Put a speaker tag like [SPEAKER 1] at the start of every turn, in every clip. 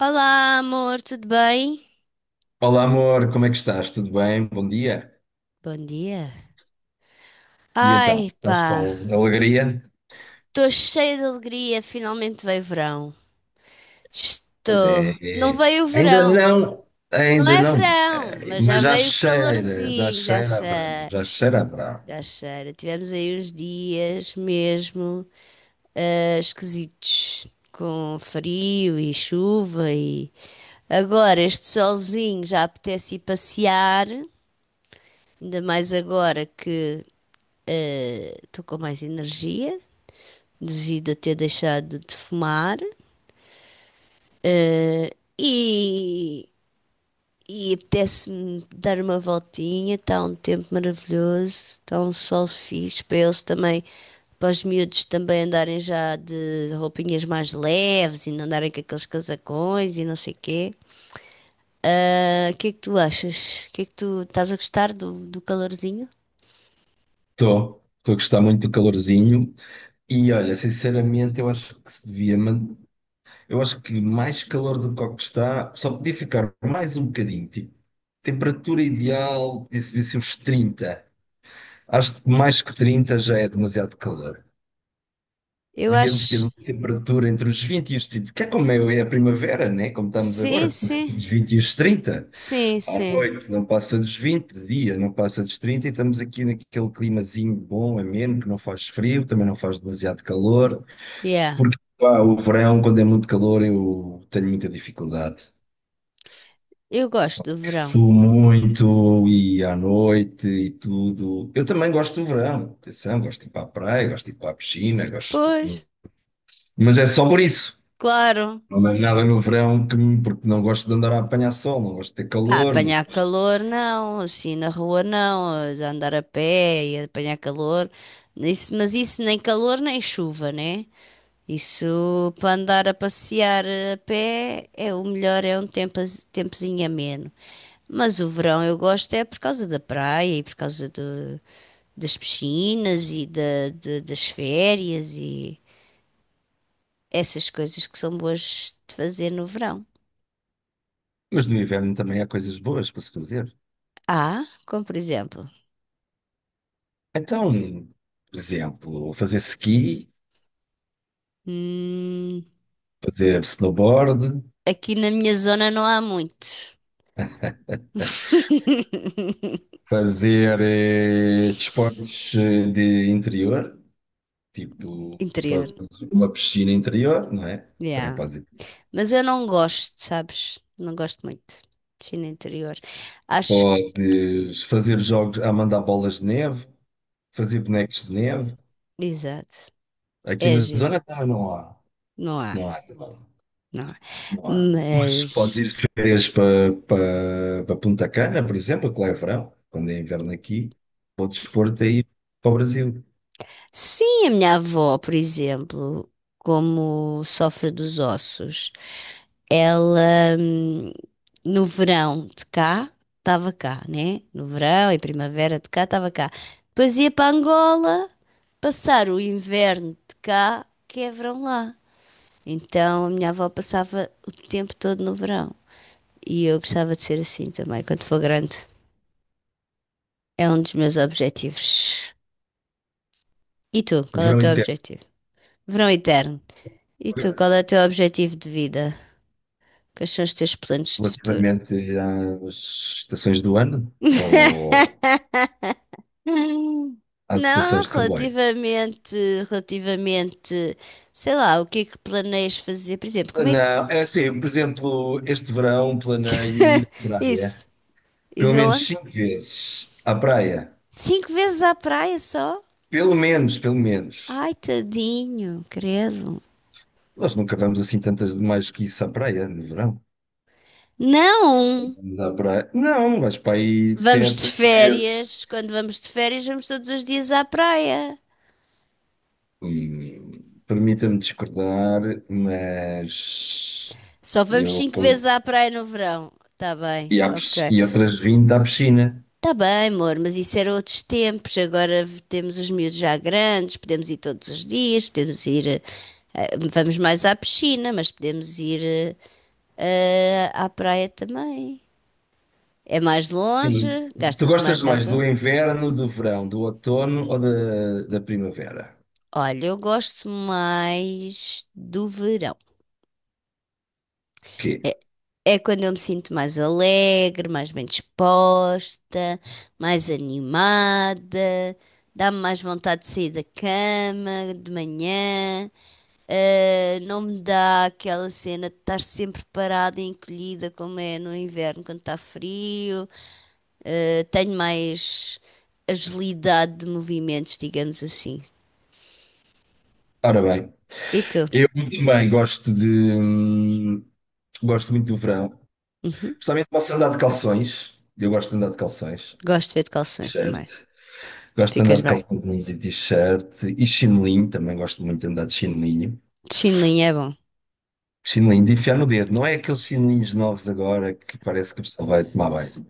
[SPEAKER 1] Olá, amor, tudo bem?
[SPEAKER 2] Olá, amor, como é que estás? Tudo bem? Bom dia.
[SPEAKER 1] Bom dia.
[SPEAKER 2] E então,
[SPEAKER 1] Ai,
[SPEAKER 2] estás
[SPEAKER 1] pá,
[SPEAKER 2] com alegria?
[SPEAKER 1] estou cheia de alegria, finalmente veio verão.
[SPEAKER 2] Pois é.
[SPEAKER 1] Estou. Não
[SPEAKER 2] É.
[SPEAKER 1] veio o verão. Não
[SPEAKER 2] Ainda
[SPEAKER 1] é
[SPEAKER 2] não,
[SPEAKER 1] verão, mas já
[SPEAKER 2] mas
[SPEAKER 1] veio o
[SPEAKER 2] já
[SPEAKER 1] calorzinho, já
[SPEAKER 2] cheira a verão,
[SPEAKER 1] cheira,
[SPEAKER 2] já cheira a verão.
[SPEAKER 1] já cheira. Tivemos aí uns dias mesmo esquisitos, com frio e chuva e agora este solzinho já apetece ir passear, ainda mais agora que estou com mais energia, devido a ter deixado de fumar. E, e apetece-me dar uma voltinha, está um tempo maravilhoso, está um sol fixe para eles também, para os miúdos também andarem já de roupinhas mais leves e não andarem com aqueles casacões e não sei o quê. Ah, O que é que tu achas? O que é que tu estás a gostar do calorzinho?
[SPEAKER 2] Estou a gostar muito do calorzinho e olha, sinceramente, eu acho que se devia, man- eu acho que mais calor do que o que está, só podia ficar mais um bocadinho, tipo, temperatura ideal, devia ser uns 30. Acho que mais que 30 já é demasiado calor.
[SPEAKER 1] Eu
[SPEAKER 2] Devíamos ter
[SPEAKER 1] acho.
[SPEAKER 2] uma temperatura entre os 20 e os 30, que é como é a primavera, né? Como estamos agora,
[SPEAKER 1] Sim,
[SPEAKER 2] dos
[SPEAKER 1] sim,
[SPEAKER 2] os 20 e os 30.
[SPEAKER 1] sim,
[SPEAKER 2] À
[SPEAKER 1] sim.
[SPEAKER 2] noite não passa dos 20, de dia não passa dos 30, e estamos aqui naquele climazinho bom, ameno, que não faz frio, também não faz demasiado calor,
[SPEAKER 1] Yeah,
[SPEAKER 2] porque pá, o verão, quando é muito calor, eu tenho muita dificuldade.
[SPEAKER 1] eu gosto do verão.
[SPEAKER 2] Suo muito e à noite e tudo. Eu também gosto do verão, atenção, gosto de ir para a praia, gosto de ir para a piscina, gosto
[SPEAKER 1] Pois,
[SPEAKER 2] de... Mas é só por isso.
[SPEAKER 1] claro.
[SPEAKER 2] Não é nada no verão que me- porque não gosto de andar a apanhar sol, não gosto de ter
[SPEAKER 1] Ah,
[SPEAKER 2] calor, não-
[SPEAKER 1] apanhar calor não, assim na rua não, a andar a pé e apanhar calor. Isso, mas isso nem calor nem chuva, né? Isso para andar a passear a pé é o melhor, é um tempozinho ameno. Mas o verão eu gosto é por causa da praia e por causa das piscinas e das férias e essas coisas que são boas de fazer no verão.
[SPEAKER 2] mas no inverno também há coisas boas para se fazer.
[SPEAKER 1] Ah, como por exemplo.
[SPEAKER 2] Então, por exemplo, fazer ski,
[SPEAKER 1] Hum.
[SPEAKER 2] fazer snowboard,
[SPEAKER 1] Aqui na minha zona não há muitos.
[SPEAKER 2] fazer desportos de interior, tipo,
[SPEAKER 1] Interior,
[SPEAKER 2] podes ir para uma piscina interior, não é? Também
[SPEAKER 1] yeah.
[SPEAKER 2] podes ir.
[SPEAKER 1] Mas eu não gosto, sabes? Não gosto muito de China interior. Acho que,
[SPEAKER 2] Podes fazer jogos a mandar bolas de neve, fazer bonecos de neve.
[SPEAKER 1] exato,
[SPEAKER 2] Aqui
[SPEAKER 1] é
[SPEAKER 2] na
[SPEAKER 1] giro.
[SPEAKER 2] zona também não há.
[SPEAKER 1] Não há,
[SPEAKER 2] Não há também.
[SPEAKER 1] não há.
[SPEAKER 2] Não há. Mas podes
[SPEAKER 1] Mas
[SPEAKER 2] ir de férias para Punta Cana, por exemplo, que lá é verão, quando é inverno aqui, podes pôr-te aí para o Brasil.
[SPEAKER 1] sim, a minha avó, por exemplo, como sofre dos ossos, ela, no verão de cá, estava cá, né? No verão e primavera de cá, estava cá. Depois ia para Angola passar o inverno de cá, que é verão lá. Então a minha avó passava o tempo todo no verão. E eu gostava de ser assim também, quando for grande. É um dos meus objetivos. E tu,
[SPEAKER 2] O
[SPEAKER 1] qual é o
[SPEAKER 2] verão
[SPEAKER 1] teu
[SPEAKER 2] inteiro,
[SPEAKER 1] objetivo? Verão eterno. E tu, qual é o teu objetivo de vida? Quais são os teus planos de futuro?
[SPEAKER 2] relativamente às estações do ano ou
[SPEAKER 1] Hum.
[SPEAKER 2] às
[SPEAKER 1] Não,
[SPEAKER 2] estações de comboio.
[SPEAKER 1] relativamente, sei lá, o que é que planeias fazer? Por exemplo, como é que.
[SPEAKER 2] Não, é assim, por exemplo, este verão planeio ir à
[SPEAKER 1] Isso,
[SPEAKER 2] praia pelo
[SPEAKER 1] isso
[SPEAKER 2] menos
[SPEAKER 1] aonde?
[SPEAKER 2] cinco vezes à praia.
[SPEAKER 1] Cinco vezes à praia só?
[SPEAKER 2] Pelo menos, pelo menos.
[SPEAKER 1] Ai, tadinho, credo.
[SPEAKER 2] Nós nunca vamos assim tantas mais que isso à praia no verão.
[SPEAKER 1] Não!
[SPEAKER 2] Vamos à praia. Não, vais para aí
[SPEAKER 1] Vamos
[SPEAKER 2] sete,
[SPEAKER 1] de
[SPEAKER 2] oito vezes.
[SPEAKER 1] férias, quando vamos de férias, vamos todos os dias à praia.
[SPEAKER 2] Permita-me discordar, mas
[SPEAKER 1] Só vamos
[SPEAKER 2] eu
[SPEAKER 1] cinco vezes
[SPEAKER 2] com-
[SPEAKER 1] à praia no verão. Tá bem,
[SPEAKER 2] e,
[SPEAKER 1] ok.
[SPEAKER 2] e outras 20 à piscina.
[SPEAKER 1] Tá bem, amor, mas isso era outros tempos. Agora temos os miúdos já grandes, podemos ir todos os dias, podemos ir. Vamos mais à piscina, mas podemos ir à praia também. É mais
[SPEAKER 2] Sim.
[SPEAKER 1] longe,
[SPEAKER 2] Tu
[SPEAKER 1] gasta-se
[SPEAKER 2] gostas
[SPEAKER 1] mais
[SPEAKER 2] mais do
[SPEAKER 1] gasol.
[SPEAKER 2] inverno, do verão, do outono ou da, da primavera?
[SPEAKER 1] Olha, eu gosto mais do verão.
[SPEAKER 2] Quê?
[SPEAKER 1] É, é quando eu me sinto mais alegre, mais bem disposta, mais animada, dá-me mais vontade de sair da cama de manhã. Não me dá aquela cena de estar sempre parada e encolhida, como é no inverno, quando está frio. Tenho mais agilidade de movimentos, digamos assim.
[SPEAKER 2] Ora bem,
[SPEAKER 1] E tu?
[SPEAKER 2] eu também gosto muito do verão.
[SPEAKER 1] Uhum.
[SPEAKER 2] Principalmente posso andar de calções. Eu gosto de andar de calções.
[SPEAKER 1] Gosto de ver de calções também.
[SPEAKER 2] Certo. Gosto de andar
[SPEAKER 1] Ficas
[SPEAKER 2] de
[SPEAKER 1] bem.
[SPEAKER 2] calções e t-shirt e chinelinho, também gosto muito de andar de chinelinho.
[SPEAKER 1] De chinelinho é bom.
[SPEAKER 2] Chinelinho de enfiar no dedo, não é aqueles chinelinhos novos agora que parece que a pessoa vai tomar banho.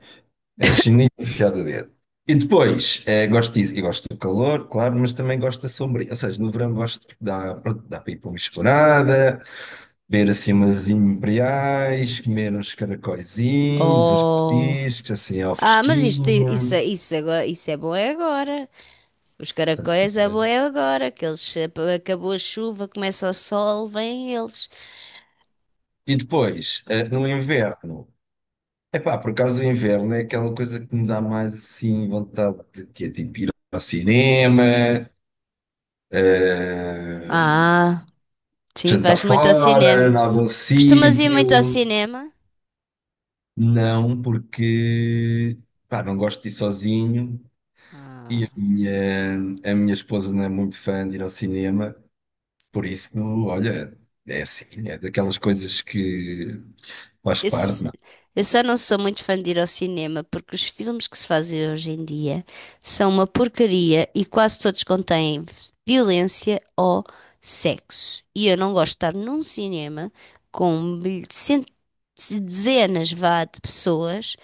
[SPEAKER 2] É o chinelinho de enfiar no dedo. E depois, gosto disso, eu gosto do calor, claro, mas também gosto da sombra. Ou seja, no verão gosto de dar pronto, dá para ir para uma esplanada, ver assim umas imperiais, comer uns caracóizinhos, uns
[SPEAKER 1] Oh.
[SPEAKER 2] petiscos, assim ao
[SPEAKER 1] Ah, mas isto, isso,
[SPEAKER 2] fresquinho.
[SPEAKER 1] isso, agora, isso é bom é agora. Os
[SPEAKER 2] Estás a
[SPEAKER 1] caracóis é
[SPEAKER 2] ver?
[SPEAKER 1] bom é agora. Que eles, acabou a chuva, começa o sol, vêm eles.
[SPEAKER 2] E depois, no inverno, Epá, por acaso o inverno é aquela coisa que me dá mais assim vontade de que é tipo ir ao cinema, eh,
[SPEAKER 1] Ah, sim,
[SPEAKER 2] jantar
[SPEAKER 1] vais muito ao
[SPEAKER 2] fora,
[SPEAKER 1] cinema.
[SPEAKER 2] em algum
[SPEAKER 1] Costumas ir muito ao
[SPEAKER 2] sítio.
[SPEAKER 1] cinema?
[SPEAKER 2] Não, porque pá, não gosto de ir sozinho e
[SPEAKER 1] Ah.
[SPEAKER 2] a minha esposa não é muito fã de ir ao cinema, por isso, olha, é assim, é daquelas coisas que faz
[SPEAKER 1] Eu,
[SPEAKER 2] parte,
[SPEAKER 1] se- eu só não sou muito fã de ir ao cinema porque os filmes que se fazem hoje em dia são uma porcaria e quase todos contêm violência ou sexo. E eu não gosto de estar num cinema com dezenas, vá, de pessoas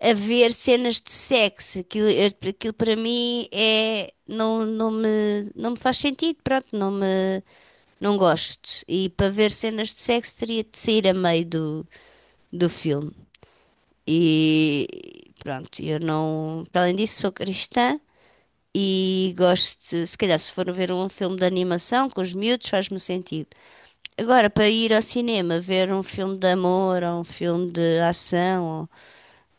[SPEAKER 1] a ver cenas de sexo. Aquilo, aquilo para mim é, não, não me faz sentido, pronto, não me. Não gosto. E para ver cenas de sexo teria de sair a meio do filme. E pronto, eu não. Para além disso, sou cristã e gosto. Se calhar, se for ver um filme de animação com os miúdos, faz-me sentido. Agora, para ir ao cinema ver um filme de amor ou um filme de ação, ou,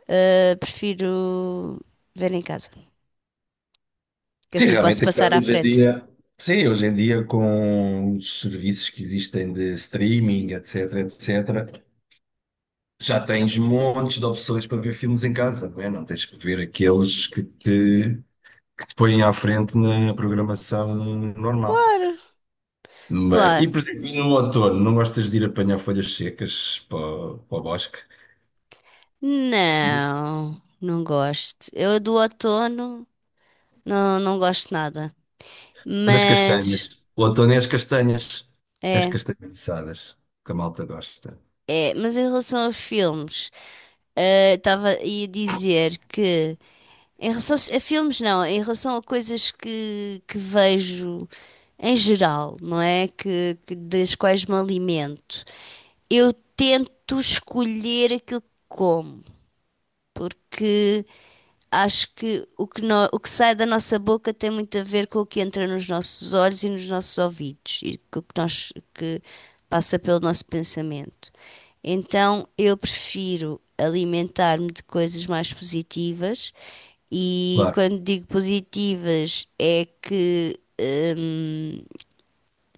[SPEAKER 1] ah, prefiro ver em casa, que
[SPEAKER 2] Sim,
[SPEAKER 1] assim posso
[SPEAKER 2] realmente as
[SPEAKER 1] passar
[SPEAKER 2] casas
[SPEAKER 1] à
[SPEAKER 2] hoje em
[SPEAKER 1] frente.
[SPEAKER 2] dia, sim, hoje em dia com os serviços que existem de streaming, etc, etc, já tens montes de opções para ver filmes em casa, não é? Não tens que ver aqueles que te põem à frente na programação normal.
[SPEAKER 1] Claro,
[SPEAKER 2] Mas, e
[SPEAKER 1] claro.
[SPEAKER 2] por exemplo, e no outono, não gostas de ir apanhar folhas secas para, o para o bosque?
[SPEAKER 1] Não, não gosto. Eu do outono. Não, não gosto de nada.
[SPEAKER 2] Das castanhas.
[SPEAKER 1] Mas
[SPEAKER 2] O outono é as castanhas. As
[SPEAKER 1] é,
[SPEAKER 2] castanhas assadas, que a malta gosta.
[SPEAKER 1] é. Mas em relação a filmes, eh, estava ia dizer que em relação a filmes não, em relação a coisas que vejo em geral, não é? Das quais me alimento. Eu tento escolher aquilo que como, porque acho que o que sai da nossa boca tem muito a ver com o que entra nos nossos olhos e nos nossos ouvidos e com o que nós que passa pelo nosso pensamento. Então, eu prefiro alimentar-me de coisas mais positivas e
[SPEAKER 2] Claro.
[SPEAKER 1] quando digo positivas é que hum,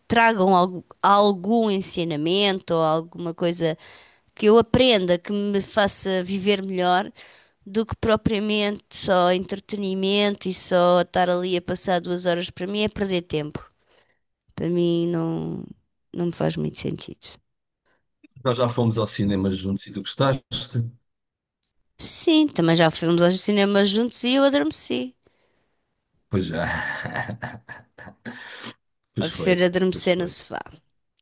[SPEAKER 1] tragam algum ensinamento ou alguma coisa que eu aprenda que me faça viver melhor do que propriamente só entretenimento e só estar ali a passar 2 horas para mim é perder tempo. Para mim não, não me faz muito sentido.
[SPEAKER 2] Nós já fomos ao cinema juntos e tu gostaste?
[SPEAKER 1] Sim, também já fomos aos cinemas juntos e eu adormeci.
[SPEAKER 2] Pois já.
[SPEAKER 1] Eu
[SPEAKER 2] Pois foi,
[SPEAKER 1] prefiro
[SPEAKER 2] pois
[SPEAKER 1] adormecer no
[SPEAKER 2] foi.
[SPEAKER 1] sofá,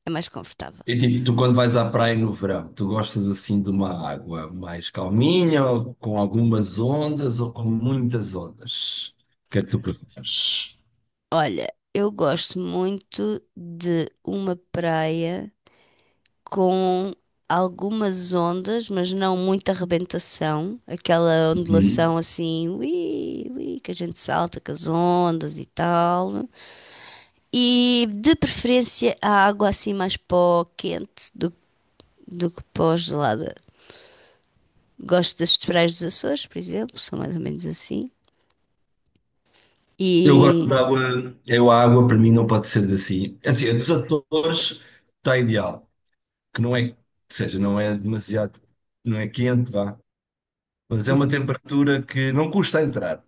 [SPEAKER 1] é mais confortável.
[SPEAKER 2] E tipo, tu quando vais à praia no verão, tu gostas assim de uma água mais calminha, ou com algumas ondas ou com muitas ondas? O que é que tu preferes?
[SPEAKER 1] Olha, eu gosto muito de uma praia com algumas ondas, mas não muita arrebentação, aquela
[SPEAKER 2] Uhum.
[SPEAKER 1] ondulação assim, ui, ui, que a gente salta com as ondas e tal. E de preferência a água assim mais para o quente do que para o gelada. Gosto das praias dos Açores, por exemplo, são mais ou menos assim.
[SPEAKER 2] Eu gosto de
[SPEAKER 1] E.
[SPEAKER 2] água, eu a água para mim não pode ser assim. Assim, a dos Açores está ideal, que não é, ou seja, não é demasiado, não é quente, vá, mas é uma temperatura que não custa a entrar.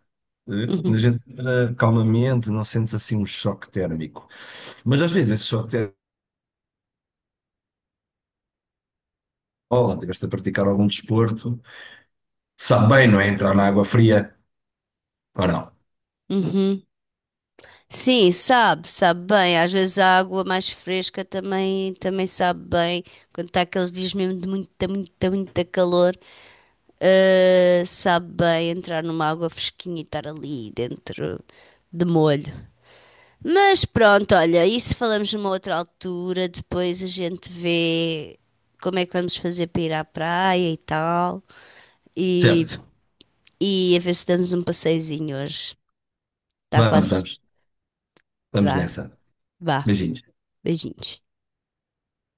[SPEAKER 2] Eh?
[SPEAKER 1] Uhum,
[SPEAKER 2] A gente entra calmamente, não sentes assim um choque térmico. Mas às vezes esse choque térmico, oh, estiveste a praticar algum desporto, sabe bem, não é? Entrar na água fria ou não.
[SPEAKER 1] uhum. Sim, sabe, sabe bem. Às vezes a água mais fresca também, também sabe bem. Quando está aqueles dias mesmo de muita, muita, muita calor, sabe bem entrar numa água fresquinha e estar ali dentro de molho. Mas pronto, olha, isso falamos numa outra altura. Depois a gente vê como é que vamos fazer para ir à praia e tal. E,
[SPEAKER 2] Certo,
[SPEAKER 1] e a ver se damos um passeiozinho hoje. Está
[SPEAKER 2] vamos,
[SPEAKER 1] quase.
[SPEAKER 2] vamos, estamos
[SPEAKER 1] Vá,
[SPEAKER 2] nessa.
[SPEAKER 1] vá.
[SPEAKER 2] Beijinhos.
[SPEAKER 1] Beijinhos.